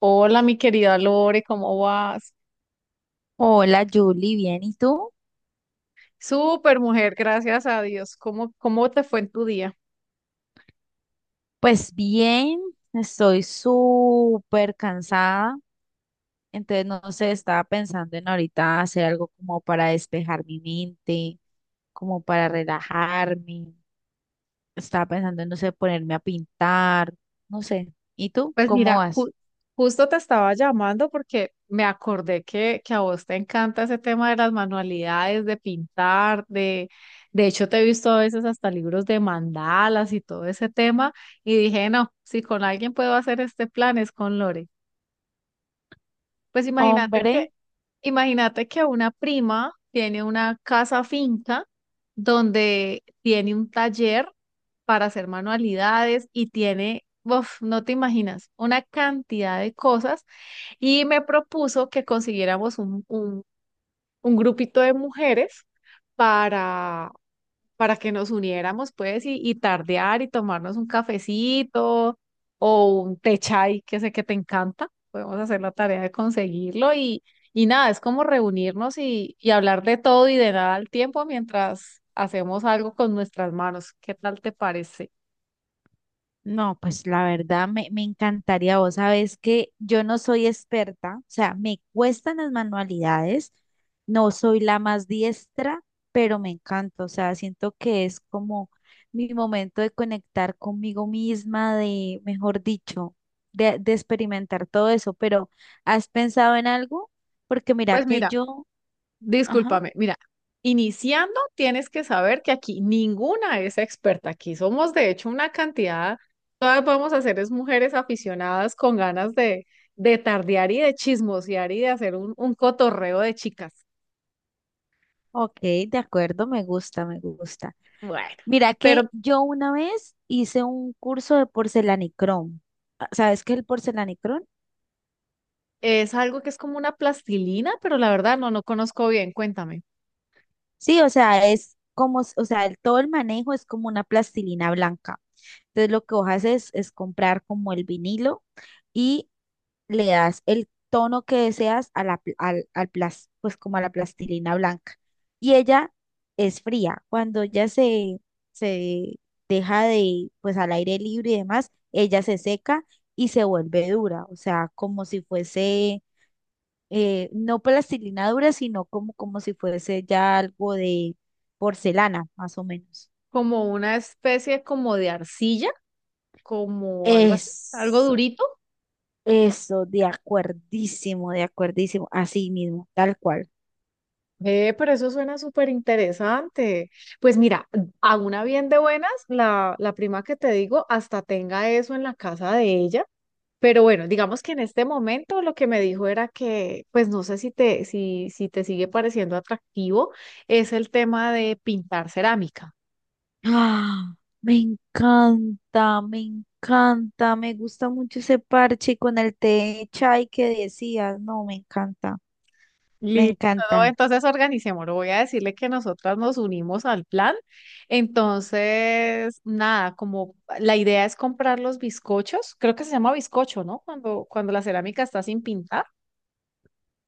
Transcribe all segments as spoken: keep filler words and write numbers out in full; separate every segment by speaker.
Speaker 1: Hola, mi querida Lore, ¿cómo vas?
Speaker 2: Hola Julie, ¿bien? ¿Y tú?
Speaker 1: Súper mujer, gracias a Dios. ¿Cómo, cómo te fue en tu día?
Speaker 2: Pues bien, estoy súper cansada, entonces no sé, estaba pensando en ahorita hacer algo como para despejar mi mente, como para relajarme, estaba pensando en, no sé, ponerme a pintar, no sé. ¿Y tú?
Speaker 1: Pues
Speaker 2: ¿Cómo
Speaker 1: mira, ju-
Speaker 2: vas?
Speaker 1: justo te estaba llamando porque me acordé que, que a vos te encanta ese tema de las manualidades, de pintar, de, de hecho te he visto a veces hasta libros de mandalas y todo ese tema y dije, no, si con alguien puedo hacer este plan es con Lore. Pues imagínate que
Speaker 2: Hombre.
Speaker 1: imagínate que una prima tiene una casa finca donde tiene un taller para hacer manualidades y tiene, uf, no te imaginas, una cantidad de cosas y me propuso que consiguiéramos un, un, un grupito de mujeres para para que nos uniéramos, pues, y, y tardear y tomarnos un cafecito o un té chai, que sé que te encanta. Podemos hacer la tarea de conseguirlo y, y nada, es como reunirnos y, y hablar de todo y de nada al tiempo mientras hacemos algo con nuestras manos. ¿Qué tal te parece?
Speaker 2: No, pues la verdad me, me encantaría. Vos sabés que yo no soy experta, o sea, me cuestan las manualidades, no soy la más diestra, pero me encanta, o sea, siento que es como mi momento de conectar conmigo misma, de, mejor dicho, de, de experimentar todo eso, pero ¿has pensado en algo? Porque mira
Speaker 1: Pues
Speaker 2: que
Speaker 1: mira.
Speaker 2: yo, ajá,
Speaker 1: Discúlpame, mira, iniciando tienes que saber que aquí ninguna es experta, aquí somos de hecho una cantidad, todas vamos a ser es mujeres aficionadas con ganas de, de tardear y de chismosear y de hacer un, un cotorreo de chicas.
Speaker 2: ok, de acuerdo, me gusta, me gusta.
Speaker 1: Bueno,
Speaker 2: Mira que
Speaker 1: pero
Speaker 2: yo una vez hice un curso de porcelanicrón. Ah, ¿sabes qué es el porcelanicrón?
Speaker 1: es algo que es como una plastilina, pero la verdad no, no conozco bien, cuéntame,
Speaker 2: Sí, o sea, es como, s- o sea, el- todo el manejo es como una plastilina blanca. Entonces lo que vos haces es comprar como el vinilo y le das el tono que deseas a la, pl- al, al plas- pues como a la plastilina blanca. Y ella es fría. Cuando ella se, se deja de, pues al aire libre y demás, ella se seca y se vuelve dura. O sea, como si fuese, eh, no plastilina dura, sino como, como si fuese ya algo de porcelana, más o menos.
Speaker 1: como una especie como de arcilla, como algo así, algo
Speaker 2: Eso,
Speaker 1: durito.
Speaker 2: eso, de acuerdísimo, de acuerdísimo, así mismo, tal cual.
Speaker 1: Eh, pero eso suena súper interesante. Pues mira, a una bien de buenas, la, la prima que te digo hasta tenga eso en la casa de ella. Pero bueno, digamos que en este momento lo que me dijo era que, pues no sé si te, si, si te sigue pareciendo atractivo, es el tema de pintar cerámica.
Speaker 2: Ah, me encanta, me encanta, me gusta mucho ese parche con el té de chai que decías. No, me encanta, me
Speaker 1: Listo, ¿no?
Speaker 2: encanta.
Speaker 1: Entonces organicémoslo. Voy a decirle que nosotras nos unimos al plan. Entonces, nada, como la idea es comprar los bizcochos, creo que se llama bizcocho, ¿no? Cuando, cuando la cerámica está sin pintar.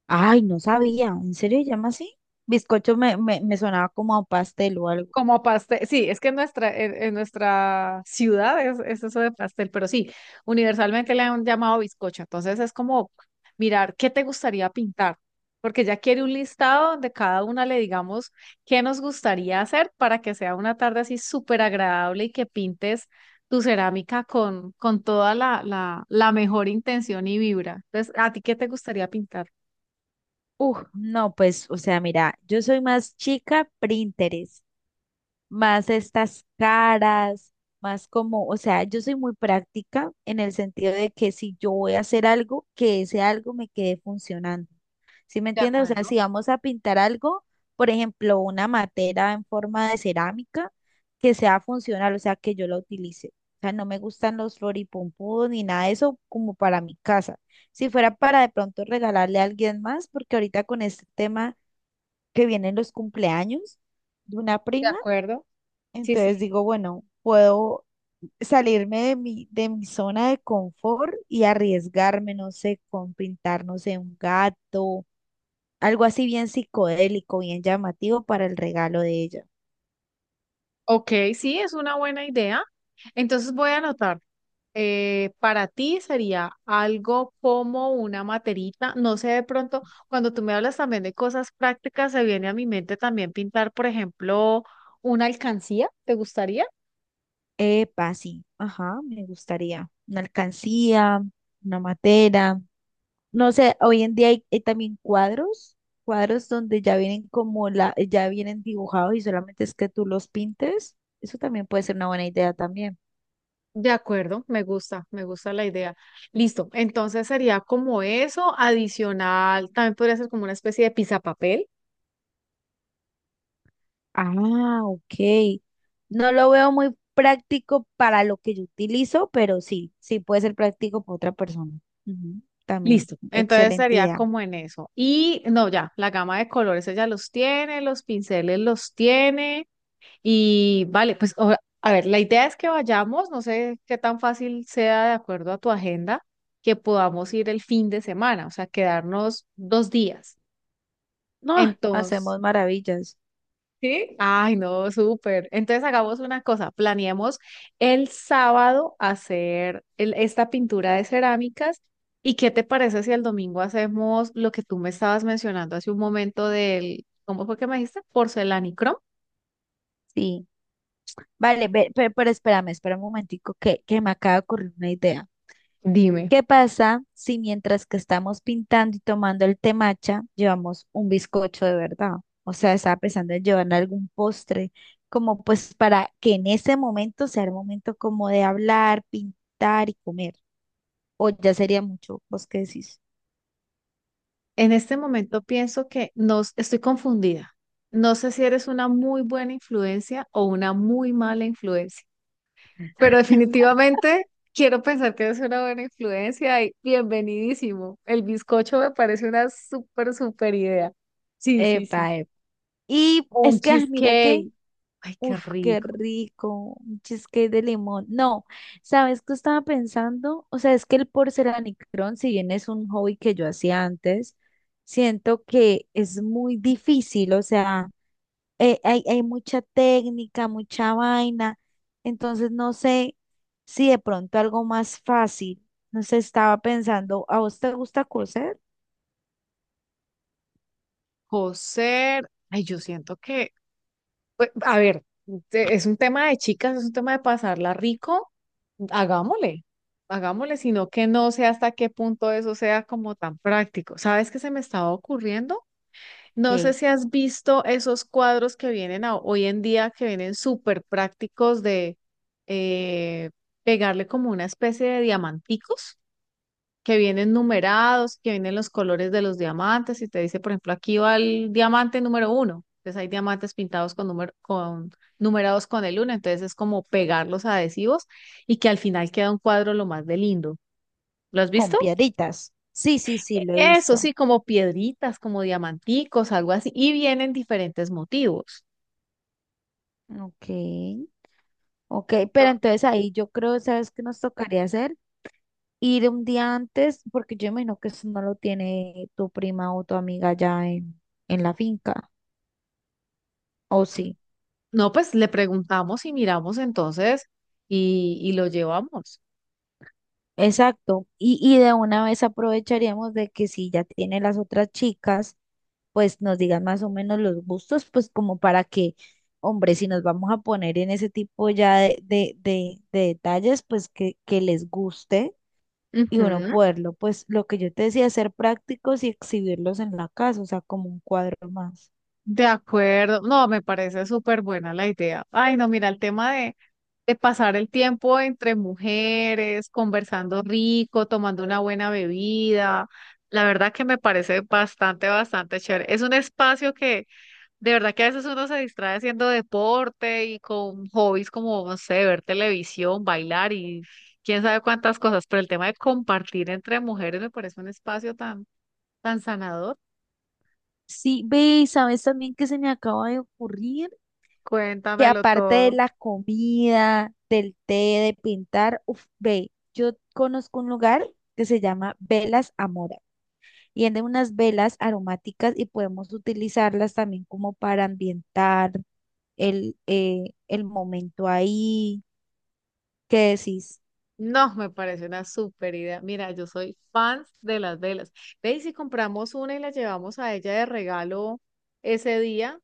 Speaker 2: Ay, no sabía, ¿en serio se llama así? Bizcocho me, me, me sonaba como a un pastel o algo.
Speaker 1: Como pastel, sí, es que en nuestra, en, en nuestra ciudad es, es eso de pastel, pero sí, universalmente le han llamado bizcocho. Entonces es como mirar qué te gustaría pintar, porque ya quiere un listado donde cada una le digamos qué nos gustaría hacer para que sea una tarde así súper agradable y que pintes tu cerámica con, con toda la, la, la mejor intención y vibra. Entonces, ¿a ti qué te gustaría pintar?
Speaker 2: Uf, no, pues, o sea, mira, yo soy más chica Pinterest, más estas caras, más como, o sea, yo soy muy práctica en el sentido de que si yo voy a hacer algo, que ese algo me quede funcionando. ¿Sí me
Speaker 1: De
Speaker 2: entiendes? O sea,
Speaker 1: acuerdo.
Speaker 2: si vamos a pintar algo, por ejemplo, una matera en forma de cerámica, que sea funcional, o sea, que yo la utilice. O sea, no me gustan los floripunpudos ni nada de eso como para mi casa. Si fuera para de pronto regalarle a alguien más, porque ahorita con este tema que vienen los cumpleaños de una
Speaker 1: ¿De
Speaker 2: prima,
Speaker 1: acuerdo? Sí,
Speaker 2: entonces
Speaker 1: sí.
Speaker 2: digo, bueno, puedo salirme de mi, de mi zona de confort y arriesgarme, no sé, con pintar, no sé, un gato, algo así bien psicodélico, bien llamativo para el regalo de ella.
Speaker 1: Ok, sí, es una buena idea. Entonces voy a anotar. Eh, para ti sería algo como una materita. No sé, de pronto, cuando tú me hablas también de cosas prácticas, se viene a mi mente también pintar, por ejemplo, una alcancía. ¿Te gustaría?
Speaker 2: Epa, sí, ajá, me gustaría. Una alcancía, una matera. No sé, hoy en día hay, hay también cuadros, cuadros donde ya vienen como la, ya vienen dibujados y solamente es que tú los pintes. Eso también puede ser una buena idea también.
Speaker 1: De acuerdo, me gusta, me gusta la idea. Listo, entonces sería como eso, adicional, también podría ser como una especie de papel.
Speaker 2: Ah, ok. No lo veo muy práctico para lo que yo utilizo, pero sí, sí puede ser práctico para otra persona. Ujú, también,
Speaker 1: Listo. Entonces
Speaker 2: excelente
Speaker 1: sería
Speaker 2: idea.
Speaker 1: como en eso. Y no, ya, la gama de colores ella los tiene, los pinceles los tiene. Y vale, pues o- a ver, la idea es que vayamos, no sé qué tan fácil sea de acuerdo a tu agenda, que podamos ir el fin de semana, o sea, quedarnos dos días.
Speaker 2: No,
Speaker 1: Entonces,
Speaker 2: hacemos maravillas.
Speaker 1: ¿sí? Ay, no, súper. Entonces hagamos una cosa, planeemos el sábado hacer el- esta pintura de cerámicas y qué te parece si el domingo hacemos lo que tú me estabas mencionando hace un momento del, ¿cómo fue que me dijiste? Porcelanicrom.
Speaker 2: Sí. Vale, ve- pe- pero, espérame, espera un momentico que, que me acaba de ocurrir una idea.
Speaker 1: Dime,
Speaker 2: ¿Qué pasa si mientras que estamos pintando y tomando el temacha, llevamos un bizcocho de verdad? O sea, estaba pensando en llevar algún postre, como pues para que en ese momento sea el momento como de hablar, pintar y comer. O ya sería mucho, ¿vos qué decís?
Speaker 1: en este momento pienso que nos estoy confundida. No sé si eres una muy buena influencia o una muy mala influencia. Pero definitivamente quiero pensar que es una buena influencia y bienvenidísimo. El bizcocho me parece una súper, súper idea. Sí, sí, sí.
Speaker 2: Epa, epa. Y
Speaker 1: O un
Speaker 2: es que, ah, mira que,
Speaker 1: cheesecake. Ay, qué
Speaker 2: uff, qué
Speaker 1: rico.
Speaker 2: rico, un cheesecake de limón. No, ¿sabes qué estaba pensando? O sea, es que el porcelanicrón, si bien es un hobby que yo hacía antes, siento que es muy difícil, o sea, eh, hay, hay mucha técnica, mucha vaina, entonces no sé si de pronto algo más fácil. No sé, estaba pensando, ¿a vos te gusta coser?
Speaker 1: Coser. Ay, yo siento que, pues, a ver, te- es un tema de chicas, es un tema de pasarla rico. Hagámosle, hagámosle, sino que no sé hasta qué punto eso sea como tan práctico. ¿Sabes qué se me estaba ocurriendo? No sé si has visto esos cuadros que vienen a- hoy en día, que vienen súper prácticos de eh, pegarle como una especie de diamanticos, que vienen numerados, que vienen los colores de los diamantes y te dice, por ejemplo, aquí va el diamante número uno. Entonces hay diamantes pintados con, número, con numerados con el uno, entonces es como pegar los adhesivos y que al final queda un cuadro lo más de lindo. ¿Lo has
Speaker 2: Con
Speaker 1: visto?
Speaker 2: piedritas. Sí, sí, sí,
Speaker 1: E-
Speaker 2: lo he
Speaker 1: Eso
Speaker 2: visto.
Speaker 1: sí, como piedritas, como diamanticos, algo así, y vienen diferentes motivos.
Speaker 2: Ok, ok, pero
Speaker 1: No,
Speaker 2: entonces ahí yo creo, ¿sabes qué nos tocaría hacer? Ir un día antes, porque yo imagino que eso no lo tiene tu prima o tu amiga ya en, en la finca, ¿o sí?
Speaker 1: no, pues le preguntamos y miramos entonces y, y lo llevamos.
Speaker 2: Exacto, y, y de una vez aprovecharíamos de que si ya tiene las otras chicas, pues nos digan más o menos los gustos, pues como para que, hombre, si nos vamos a poner en ese tipo ya de, de, de, de detalles, pues que, que les guste y uno
Speaker 1: Ujú.
Speaker 2: poderlo, pues lo que yo te decía, hacer prácticos y exhibirlos en la casa, o sea, como un cuadro más.
Speaker 1: De acuerdo, no, me parece súper buena la idea. Ay, no, mira, el tema de, de pasar el tiempo entre mujeres, conversando rico, tomando una buena bebida, la verdad que me parece bastante, bastante chévere. Es un espacio que de verdad que a veces uno se distrae haciendo deporte y con hobbies como, no sé, ver televisión, bailar y quién sabe cuántas cosas, pero el tema de compartir entre mujeres me parece un espacio tan, tan sanador.
Speaker 2: Sí, ve, y sabes también que se me acaba de ocurrir que
Speaker 1: Cuéntamelo
Speaker 2: aparte de
Speaker 1: todo.
Speaker 2: la comida, del té, de pintar, uf, ve, yo conozco un lugar que se llama Velas Amora y venden unas velas aromáticas y podemos utilizarlas también como para ambientar el, eh, el momento ahí. ¿Qué decís?
Speaker 1: No, me parece una súper idea. Mira, yo soy fan de las velas. Ve y si compramos una y la llevamos a ella de regalo ese día,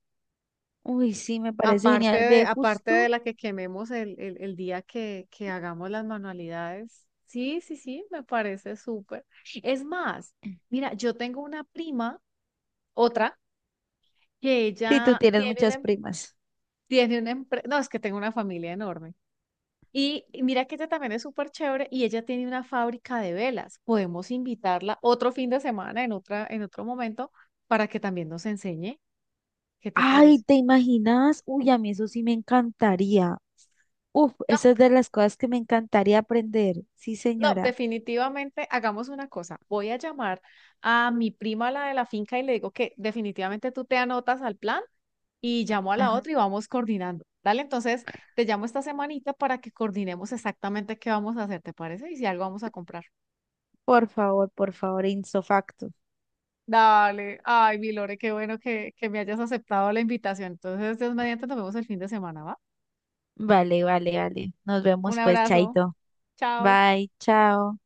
Speaker 2: Uy, sí, me parece
Speaker 1: aparte
Speaker 2: genial,
Speaker 1: de,
Speaker 2: ve,
Speaker 1: aparte de
Speaker 2: justo.
Speaker 1: la que quememos el, el, el día que, que hagamos las manualidades. Sí, sí, sí, me parece súper. Es más, mira, yo tengo una prima, otra, que
Speaker 2: Sí, tú
Speaker 1: ella
Speaker 2: tienes
Speaker 1: tiene una,
Speaker 2: muchas
Speaker 1: em-
Speaker 2: primas.
Speaker 1: tiene una empresa, no, es que tengo una familia enorme. Y y mira que ella también es súper chévere y ella tiene una fábrica de velas. Podemos invitarla otro fin de semana en otra, en otro momento para que también nos enseñe. ¿Qué te
Speaker 2: Ay,
Speaker 1: parece?
Speaker 2: ¿te imaginas? Uy, a mí eso sí me encantaría. Uf, esa es de las cosas que me encantaría aprender. Sí,
Speaker 1: No,
Speaker 2: señora.
Speaker 1: definitivamente hagamos una cosa. Voy a llamar a mi prima, la de la finca, y le digo que definitivamente tú te anotas al plan y llamo a la
Speaker 2: Ajá.
Speaker 1: otra y vamos coordinando. Dale, entonces te llamo esta semanita para que coordinemos exactamente qué vamos a hacer, ¿te parece? Y si algo vamos a comprar.
Speaker 2: Por favor, por favor, in
Speaker 1: Dale, ay, mi Lore, qué bueno que, que me hayas aceptado la invitación. Entonces, Dios mediante, nos vemos el fin de semana, ¿va?
Speaker 2: Vale, vale, vale. Nos
Speaker 1: Un
Speaker 2: vemos pues,
Speaker 1: abrazo,
Speaker 2: Chaito.
Speaker 1: chao.
Speaker 2: Bye, chao.